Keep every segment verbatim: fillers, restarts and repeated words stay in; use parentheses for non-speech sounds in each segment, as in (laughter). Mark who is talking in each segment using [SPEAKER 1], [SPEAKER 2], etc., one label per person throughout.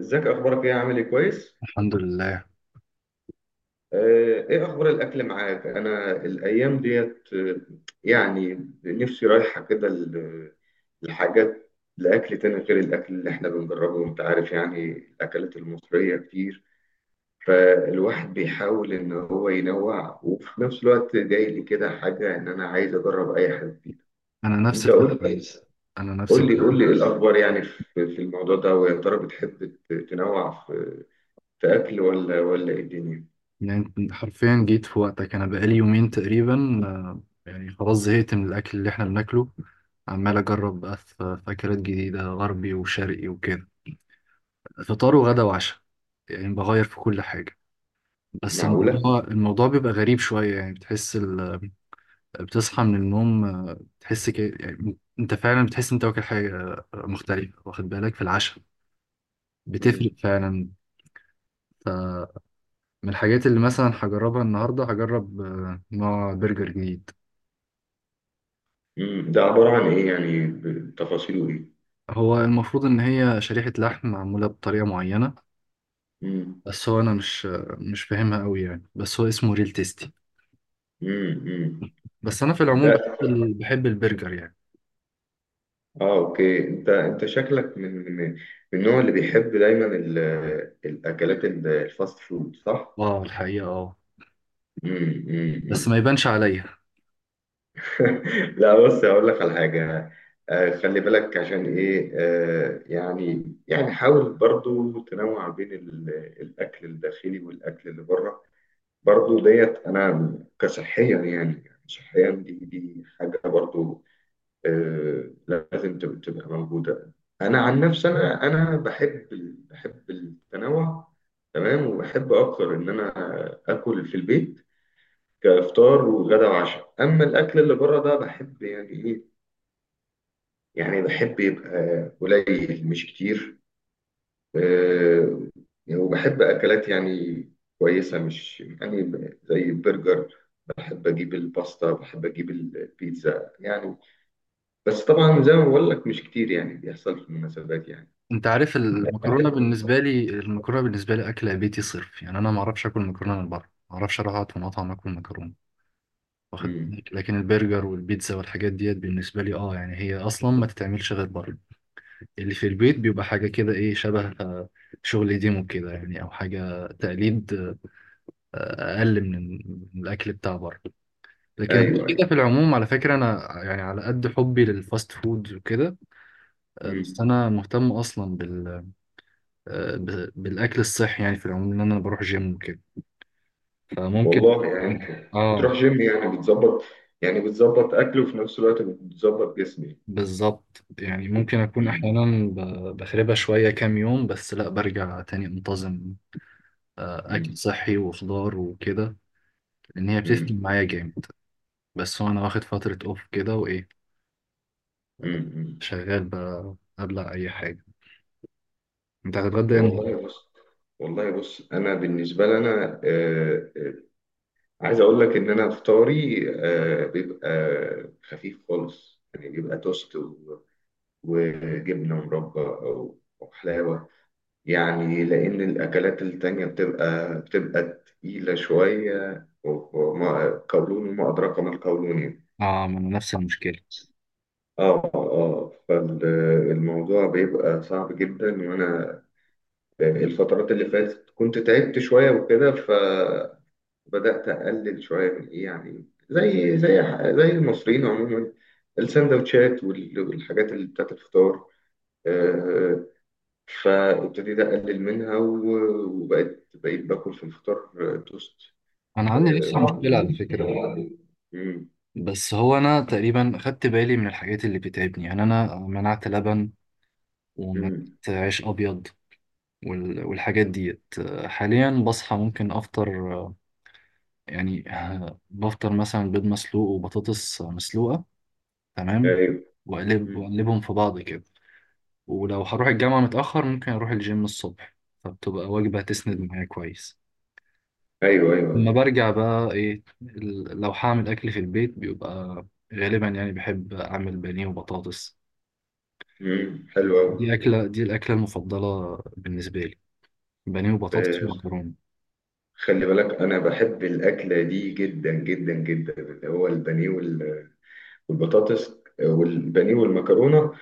[SPEAKER 1] ازيك، اخبارك ايه، عامل ايه؟ كويس.
[SPEAKER 2] الحمد لله.
[SPEAKER 1] آه، ايه اخبار الاكل معاك؟ انا الايام ديت آه، يعني نفسي رايحه كده ل- لحاجات، لاكل تاني غير الاكل اللي احنا بنجربه. وانت عارف يعني الاكلات المصريه كتير، فالواحد بيحاول ان هو ينوع. وفي نفس الوقت جاي لي كده حاجه ان انا عايز اجرب اي حاجه جديده.
[SPEAKER 2] انا نفس
[SPEAKER 1] انت قول
[SPEAKER 2] الفكره
[SPEAKER 1] لي،
[SPEAKER 2] انا نفس
[SPEAKER 1] قول لي
[SPEAKER 2] الفكره
[SPEAKER 1] قول لي ايه الاخبار يعني في في الموضوع ده. ويا ترى بتحب ت- تنوع في، في اكل، ولا ولا ايه الدنيا؟
[SPEAKER 2] يعني أنت حرفيا جيت في وقتك، انا بقالي يومين تقريبا. آه، يعني خلاص زهقت من الاكل اللي احنا بناكله. عمال اجرب بقى في في اكلات جديده، غربي وشرقي وكده، فطار وغدا وعشاء. يعني بغير في كل حاجه. بس
[SPEAKER 1] معقوله.
[SPEAKER 2] الموضوع الموضوع بيبقى غريب شويه، يعني بتحس ال... بتصحى من النوم. آه، بتحس ك... يعني انت فعلا بتحس انت واكل حاجه آه، مختلفه، واخد بالك؟ في العشاء بتفرق
[SPEAKER 1] مم.
[SPEAKER 2] فعلا. من الحاجات اللي مثلا هجربها النهاردة، هجرب آه، نوع برجر جديد.
[SPEAKER 1] مم. ده عبارة عن إيه يعني، بتفاصيله إيه؟
[SPEAKER 2] هو المفروض إن هي شريحة لحم معمولة بطريقة معينة،
[SPEAKER 1] مم.
[SPEAKER 2] بس هو أنا مش آه، مش فاهمها أوي يعني، بس هو اسمه ريل تيستي.
[SPEAKER 1] مم. مم.
[SPEAKER 2] بس أنا في العموم
[SPEAKER 1] ده
[SPEAKER 2] بحب ال- بحب البرجر يعني.
[SPEAKER 1] آه أوكي. أنت أنت شكلك من، من من النوع اللي بيحب دايما ال- الأكلات، ال- الفاست فود، صح؟
[SPEAKER 2] اه الحقيقة اه،
[SPEAKER 1] مم. مم.
[SPEAKER 2] بس ما
[SPEAKER 1] مم.
[SPEAKER 2] يبانش عليا.
[SPEAKER 1] (laughs) لا بص، هقول لك على حاجة. آه، خلي بالك عشان إيه. آه، يعني يعني حاول برضو تنوع بين ال- الأكل الداخلي والأكل اللي بره. برضو ديت انا كصحيا يعني، يعني صحيا، دي دي حاجه برضو آه، لازم تب- تبقى موجوده. انا عن نفسي، انا انا بحب ال- بحب التنوع، تمام. وبحب اكتر ان انا اكل في البيت، كافطار وغدا وعشاء. اما الاكل اللي بره، ده بحب يعني ايه، يعني بحب يبقى قليل مش كتير. آه، يعني وبحب أكلات يعني كويسة، مش يعني زي البرجر. بحب أجيب الباستا، بحب أجيب البيتزا يعني. بس طبعا زي ما بقول لك، مش كتير يعني، بيحصل في المناسبات يعني.
[SPEAKER 2] أنت عارف، المكرونة بالنسبة لي المكرونة بالنسبة لي أكلة بيتي صرف يعني. أنا معرفش آكل مكرونة من بره، معرفش أروح أقعد في مطعم آكل مكرونة، واخد
[SPEAKER 1] مم.
[SPEAKER 2] بالك؟ لكن البرجر والبيتزا والحاجات ديت بالنسبة لي، اه يعني هي أصلا ما تتعملش غير بره. اللي في البيت بيبقى حاجة كده، إيه، شبه آه، شغل ديمو كده يعني، أو حاجة تقليد، آه، أقل من من الأكل بتاع بره. لكن غير
[SPEAKER 1] أيوه، أيوه.
[SPEAKER 2] كده في العموم، على فكرة، أنا يعني على قد حبي للفاست فود وكده، آه، بس
[SPEAKER 1] مم.
[SPEAKER 2] أنا مهتم أصلا بال آه، ب- بالأكل الصحي يعني، في العموم إن أنا بروح جيم وكده، فممكن.
[SPEAKER 1] والله يعني أنت بتروح
[SPEAKER 2] آه،
[SPEAKER 1] جيم، يعني بتظبط، يعني بتظبط أكل، وفي نفس الوقت بتظبط جسمي.
[SPEAKER 2] بالظبط، يعني ممكن أكون
[SPEAKER 1] مم.
[SPEAKER 2] أحيانا ب- بخربها شوية كام يوم، بس لأ برجع تاني منتظم. آه، أكل
[SPEAKER 1] مم.
[SPEAKER 2] صحي وخضار وكده، لأن هي بتفرق
[SPEAKER 1] مم.
[SPEAKER 2] معايا جامد. بس هو أنا واخد فترة أوف كده، وإيه،
[SPEAKER 1] مم. مم.
[SPEAKER 2] شغال بقى أبلع أي حاجة. أنت هتتغدى يعني؟
[SPEAKER 1] والله بص، والله بص أنا بالنسبة لنا، عايز اقول لك ان انا فطاري آه، بيبقى خفيف خالص، يعني بيبقى توست و- وجبنه مربى، او أو حلاوه. يعني لان الاكلات التانية بتبقى بتبقى تقيله شويه، وما قولون وما ادراك ما القولون يعني.
[SPEAKER 2] آه ما أنا نفس المشكلة.
[SPEAKER 1] اه، اه، آه. فالموضوع بيبقى صعب جدا. وانا الفترات اللي فاتت كنت تعبت شويه وكده، ف بدأت أقلل شوية من إيه يعني، زي زي زي المصريين عموما، السندوتشات وال- والحاجات اللي بتاعت الفطار آه، فابتديت أقلل منها، و- وبقيت، بقيت باكل في الفطار آه، توست.
[SPEAKER 2] أنا عندي
[SPEAKER 1] آه،
[SPEAKER 2] نفس المشكلة على فكرة،
[SPEAKER 1] مم،
[SPEAKER 2] بس هو أنا تقريبا خدت بالي من الحاجات اللي بتتعبني، يعني أنا منعت لبن ومنعت
[SPEAKER 1] مم،
[SPEAKER 2] عيش أبيض وال- والحاجات ديت. حاليا بصحى ممكن أفطر، آه، يعني، آه، بفطر مثلا بيض مسلوق وبطاطس مسلوقة، تمام،
[SPEAKER 1] أيوه،
[SPEAKER 2] وأقلب
[SPEAKER 1] مم.
[SPEAKER 2] وأقلبهم في بعض كده. ولو هروح الجامعة متأخر ممكن أروح الجيم الصبح، فبتبقى وجبة تسند
[SPEAKER 1] مم.
[SPEAKER 2] معايا كويس.
[SPEAKER 1] أيوه، أيوه،
[SPEAKER 2] لما
[SPEAKER 1] أيوه.
[SPEAKER 2] برجع بقى إيه، ال- لو هعمل أكل في البيت بيبقى غالبا يعني، بحب أعمل بانيه وبطاطس.
[SPEAKER 1] مم، حلو أوي.
[SPEAKER 2] دي أكلة دي الأكلة المفضلة بالنسبة لي، بانيه وبطاطس
[SPEAKER 1] آه،
[SPEAKER 2] ومكرونة.
[SPEAKER 1] خلي بالك، أنا بحب الأكلة دي جدا جدا جدا، اللي هو البانيه والبطاطس، آه، والبانيه والمكرونه.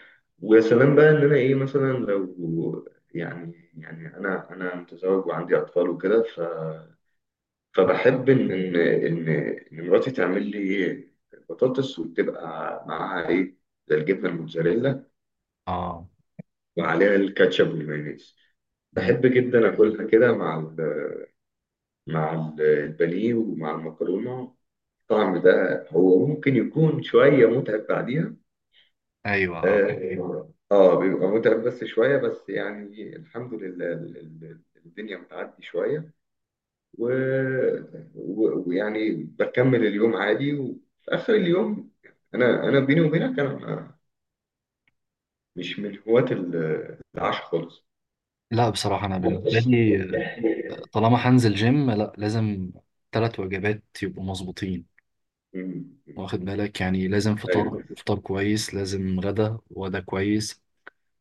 [SPEAKER 1] ويا سلام بقى، ان انا ايه مثلا، لو يعني يعني انا انا متزوج وعندي اطفال وكده. ف فبحب ان ان ان إن مراتي تعمل لي ايه، بطاطس، وتبقى معاها ايه، زي الجبنه الموتزاريلا،
[SPEAKER 2] آه.
[SPEAKER 1] وعليها الكاتشب والمايونيز.
[SPEAKER 2] مم.
[SPEAKER 1] بحب جدا اكلها كده مع ال- مع ال- البانيه ومع المكرونه. الطعم ده هو ممكن يكون شويه متعب بعديها.
[SPEAKER 2] أيوة. آه.
[SPEAKER 1] اه، آه، بيبقى متعب بس شوية بس، يعني الحمد لله ال- ال- الدنيا بتعدي شوية. و- و- ويعني بكمل اليوم عادي، وفي آخر اليوم، أنا أنا بيني وبينك، أنا مش من هواة ال- العشاء خالص.
[SPEAKER 2] لا بصراحة أنا بالنسبة لي،
[SPEAKER 1] (laughs)
[SPEAKER 2] طالما هنزل جيم لا، لازم تلات وجبات يبقوا مظبوطين،
[SPEAKER 1] مم.
[SPEAKER 2] واخد بالك؟ يعني لازم
[SPEAKER 1] أيوه.
[SPEAKER 2] فطار، فطار كويس، لازم غدا، وغدا كويس،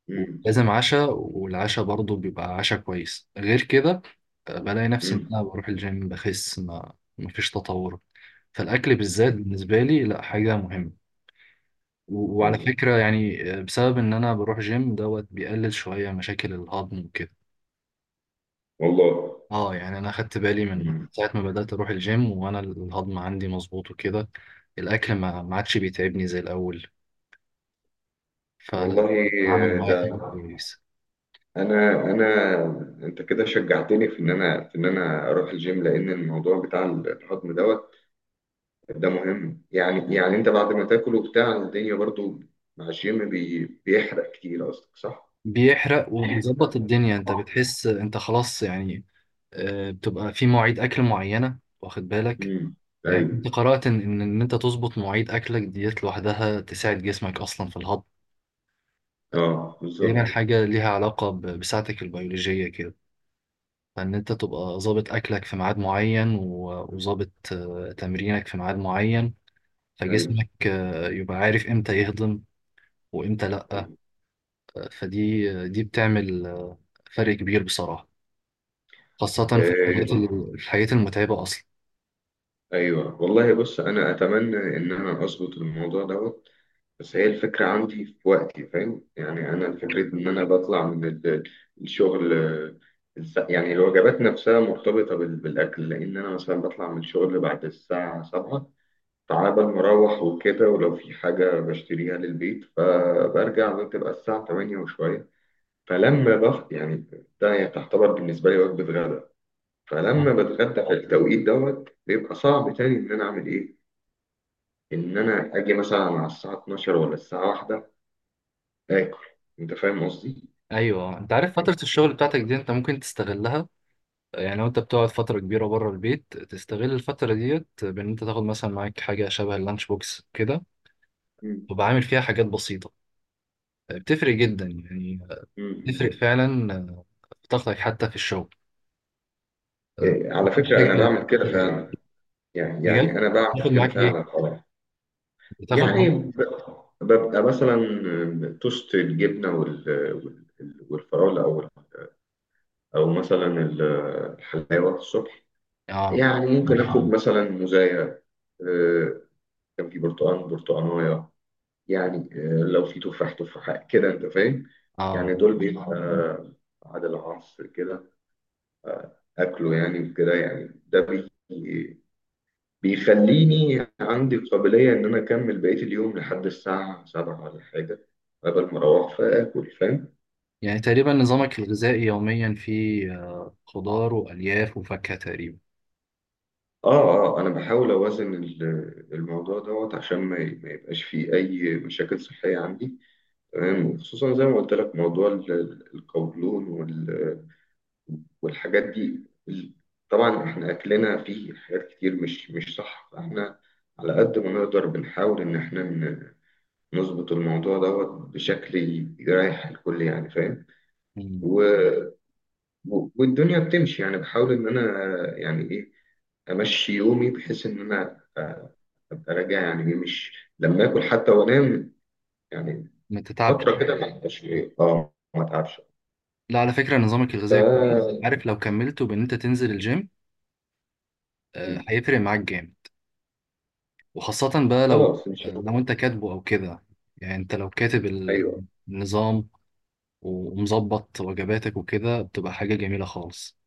[SPEAKER 1] مم.
[SPEAKER 2] لازم عشاء، والعشاء برضه بيبقى عشاء كويس. غير كده آه، بلاقي نفسي ان
[SPEAKER 1] مم.
[SPEAKER 2] انا بروح الجيم بخس، ما مفيش تطور. فالاكل بالذات
[SPEAKER 1] أيوه،
[SPEAKER 2] بالنسبه لي لا، حاجه مهمه. و- وعلى
[SPEAKER 1] أيوه،
[SPEAKER 2] فكره يعني، آه، بسبب ان انا بروح جيم دوت بيقلل شويه مشاكل الهضم وكده.
[SPEAKER 1] والله.
[SPEAKER 2] اه يعني انا خدت بالي من
[SPEAKER 1] مم.
[SPEAKER 2] ساعه ما بدات اروح الجيم وانا الهضم عندي مظبوط وكده، الاكل ما ما عادش بيتعبني زي الاول، فلا،
[SPEAKER 1] والله
[SPEAKER 2] عامل
[SPEAKER 1] آه،
[SPEAKER 2] معايا
[SPEAKER 1] ده
[SPEAKER 2] فرق كويس.
[SPEAKER 1] انا انا انت كده شجعتني في ان انا، في ان انا اروح الجيم، لان الموضوع بتاع الهضم دوت، ده مهم يعني. يعني انت بعد ما تاكل وبتاع الدنيا برضو مع الجيم، بي بيحرق كتير، قصدك صح؟
[SPEAKER 2] بيحرق وبيظبط الدنيا، انت
[SPEAKER 1] اه.
[SPEAKER 2] بتحس انت خلاص يعني. آه، بتبقى في مواعيد اكل معينه، واخد بالك؟
[SPEAKER 1] امم،
[SPEAKER 2] يعني
[SPEAKER 1] ايوه،
[SPEAKER 2] انت قرات ان ان إن انت تظبط مواعيد اكلك ديت لوحدها تساعد جسمك اصلا في الهضم.
[SPEAKER 1] اه،
[SPEAKER 2] تقريبا
[SPEAKER 1] بالظبط.
[SPEAKER 2] حاجه ليها علاقه ب- بساعتك البيولوجيه كده، فان انت تبقى ظابط اكلك في ميعاد معين، و- وظابط آه، تمرينك في ميعاد معين،
[SPEAKER 1] ايوه،
[SPEAKER 2] فجسمك آه، يبقى عارف امتى يهضم وامتى لا.
[SPEAKER 1] ايوه،
[SPEAKER 2] آه، فدي آه، دي بتعمل آه، فرق كبير بصراحه، خاصه في الحاجات ال-
[SPEAKER 1] آه،
[SPEAKER 2] الحاجات المتعبه اصلا.
[SPEAKER 1] ايوه. والله بص انا اتمنى ان انا اظبط الموضوع دوت. بس هي الفكرة عندي في وقتي، فاهم يعني؟ أنا الفكرة إن أنا بطلع من ال- الشغل آه، الس- يعني الوجبات نفسها مرتبطة بال- بالأكل. لأن أنا مثلا بطلع من الشغل بعد الساعة سبعة، تعبان، مروح وكده. ولو في حاجة بشتريها للبيت، فبرجع بتبقى الساعة تمانية وشوية. فلما بخ يعني، ده يعني تعتبر بالنسبة لي وجبة غدا. فلما بتغدى في التوقيت دوت، بيبقى صعب تاني إن أنا أعمل إيه، إن أنا أجي مثلا على الساعة اتناشر ولا الساعة واحده آكل؟ أنت فاهم قصدي؟
[SPEAKER 2] ايوه، انت عارف فتره الشغل بتاعتك دي انت ممكن تستغلها، يعني لو انت بتقعد فتره كبيره بره البيت تستغل الفتره ديت بان انت تاخد مثلا معاك حاجه شبه اللانش بوكس كده،
[SPEAKER 1] مم.
[SPEAKER 2] وبعامل فيها حاجات بسيطه، بتفرق جدا يعني،
[SPEAKER 1] مم.
[SPEAKER 2] بتفرق
[SPEAKER 1] مم.
[SPEAKER 2] فعلا آه، في طاقتك حتى في الشغل. آه،
[SPEAKER 1] إيه، على
[SPEAKER 2] مش
[SPEAKER 1] فكرة أنا يعني
[SPEAKER 2] حاجة،
[SPEAKER 1] بعمل كده فعلا، يعني يعني
[SPEAKER 2] بجد.
[SPEAKER 1] أنا
[SPEAKER 2] بتاخد
[SPEAKER 1] بعمل كده
[SPEAKER 2] معاك ايه
[SPEAKER 1] فعلا. أه
[SPEAKER 2] بتاخد
[SPEAKER 1] يعني
[SPEAKER 2] معاك
[SPEAKER 1] ب- ببقى مثلا توست الجبنة وال- وال- والفراولة، أو أو مثلا ال- الحلاوة الصبح.
[SPEAKER 2] اه
[SPEAKER 1] يعني ممكن آخد مثلا موزاية، آه، كان في برتقال، برتقاناية يعني. آه، لو في تفاح، تفاحة كده. أنت فاهم
[SPEAKER 2] اه،
[SPEAKER 1] يعني؟ دول بيبقى بعد العصر كده اكله يعني، وكده يعني. ده بي بيخليني عندي قابلية ان انا اكمل بقية اليوم، لحد الساعة سبعة ولا حاجة، قبل ما اروح فاكل، فاهم؟
[SPEAKER 2] يعني تقريبا نظامك الغذائي يوميا فيه آه، خضار والياف وفاكهه تقريبا.
[SPEAKER 1] اه. اه، آه، انا بحاول اوازن ال- الموضوع دوت عشان ما ي- ما يبقاش فيه اي مشاكل صحية عندي، تمام. وخصوصا زي ما قلت لك موضوع ال- ال- القولون وال- والحاجات دي ال- طبعا احنا اكلنا فيه حاجات كتير مش مش صح. فاحنا على قد ما نقدر بنحاول ان احنا نظبط الموضوع دوت بشكل ي- يريح الكل، يعني فاهم.
[SPEAKER 2] مم.
[SPEAKER 1] و... و- والدنيا بتمشي يعني. بحاول ان انا يعني ايه امشي يومي، بحيث ان انا أ- ابقى راجع يعني ايه، مش لما اكل حتى وانام، يعني
[SPEAKER 2] ما
[SPEAKER 1] فتره
[SPEAKER 2] تتعبش.
[SPEAKER 1] كده ما ابقاش ايه اه ما اتعبش.
[SPEAKER 2] لا على فكرة نظامك
[SPEAKER 1] ف
[SPEAKER 2] الغذائي كويس، عارف لو كملت بان انت تنزل الجيم آه،
[SPEAKER 1] مم.
[SPEAKER 2] هيفرق معاك جامد. وخاصة بقى لو،
[SPEAKER 1] خلاص ان
[SPEAKER 2] آه،
[SPEAKER 1] شاء
[SPEAKER 2] لو
[SPEAKER 1] الله.
[SPEAKER 2] انت كاتبه او كده، يعني انت لو كاتب ال-
[SPEAKER 1] ايوه.
[SPEAKER 2] النظام ومظبط وجباتك وكده بتبقى حاجة جميلة خالص.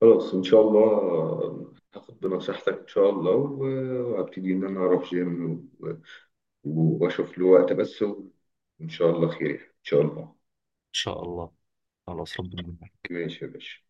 [SPEAKER 1] خلاص ان شاء الله آه، هاخد بنصيحتك ان شاء الله، و- وهبتدي ان انا اروح جيم، واشوف له وقت بس، وان شاء الله خير. ان شاء الله.
[SPEAKER 2] ان شاء الله، خلاص ربنا معاك.
[SPEAKER 1] ماشي يا باشا.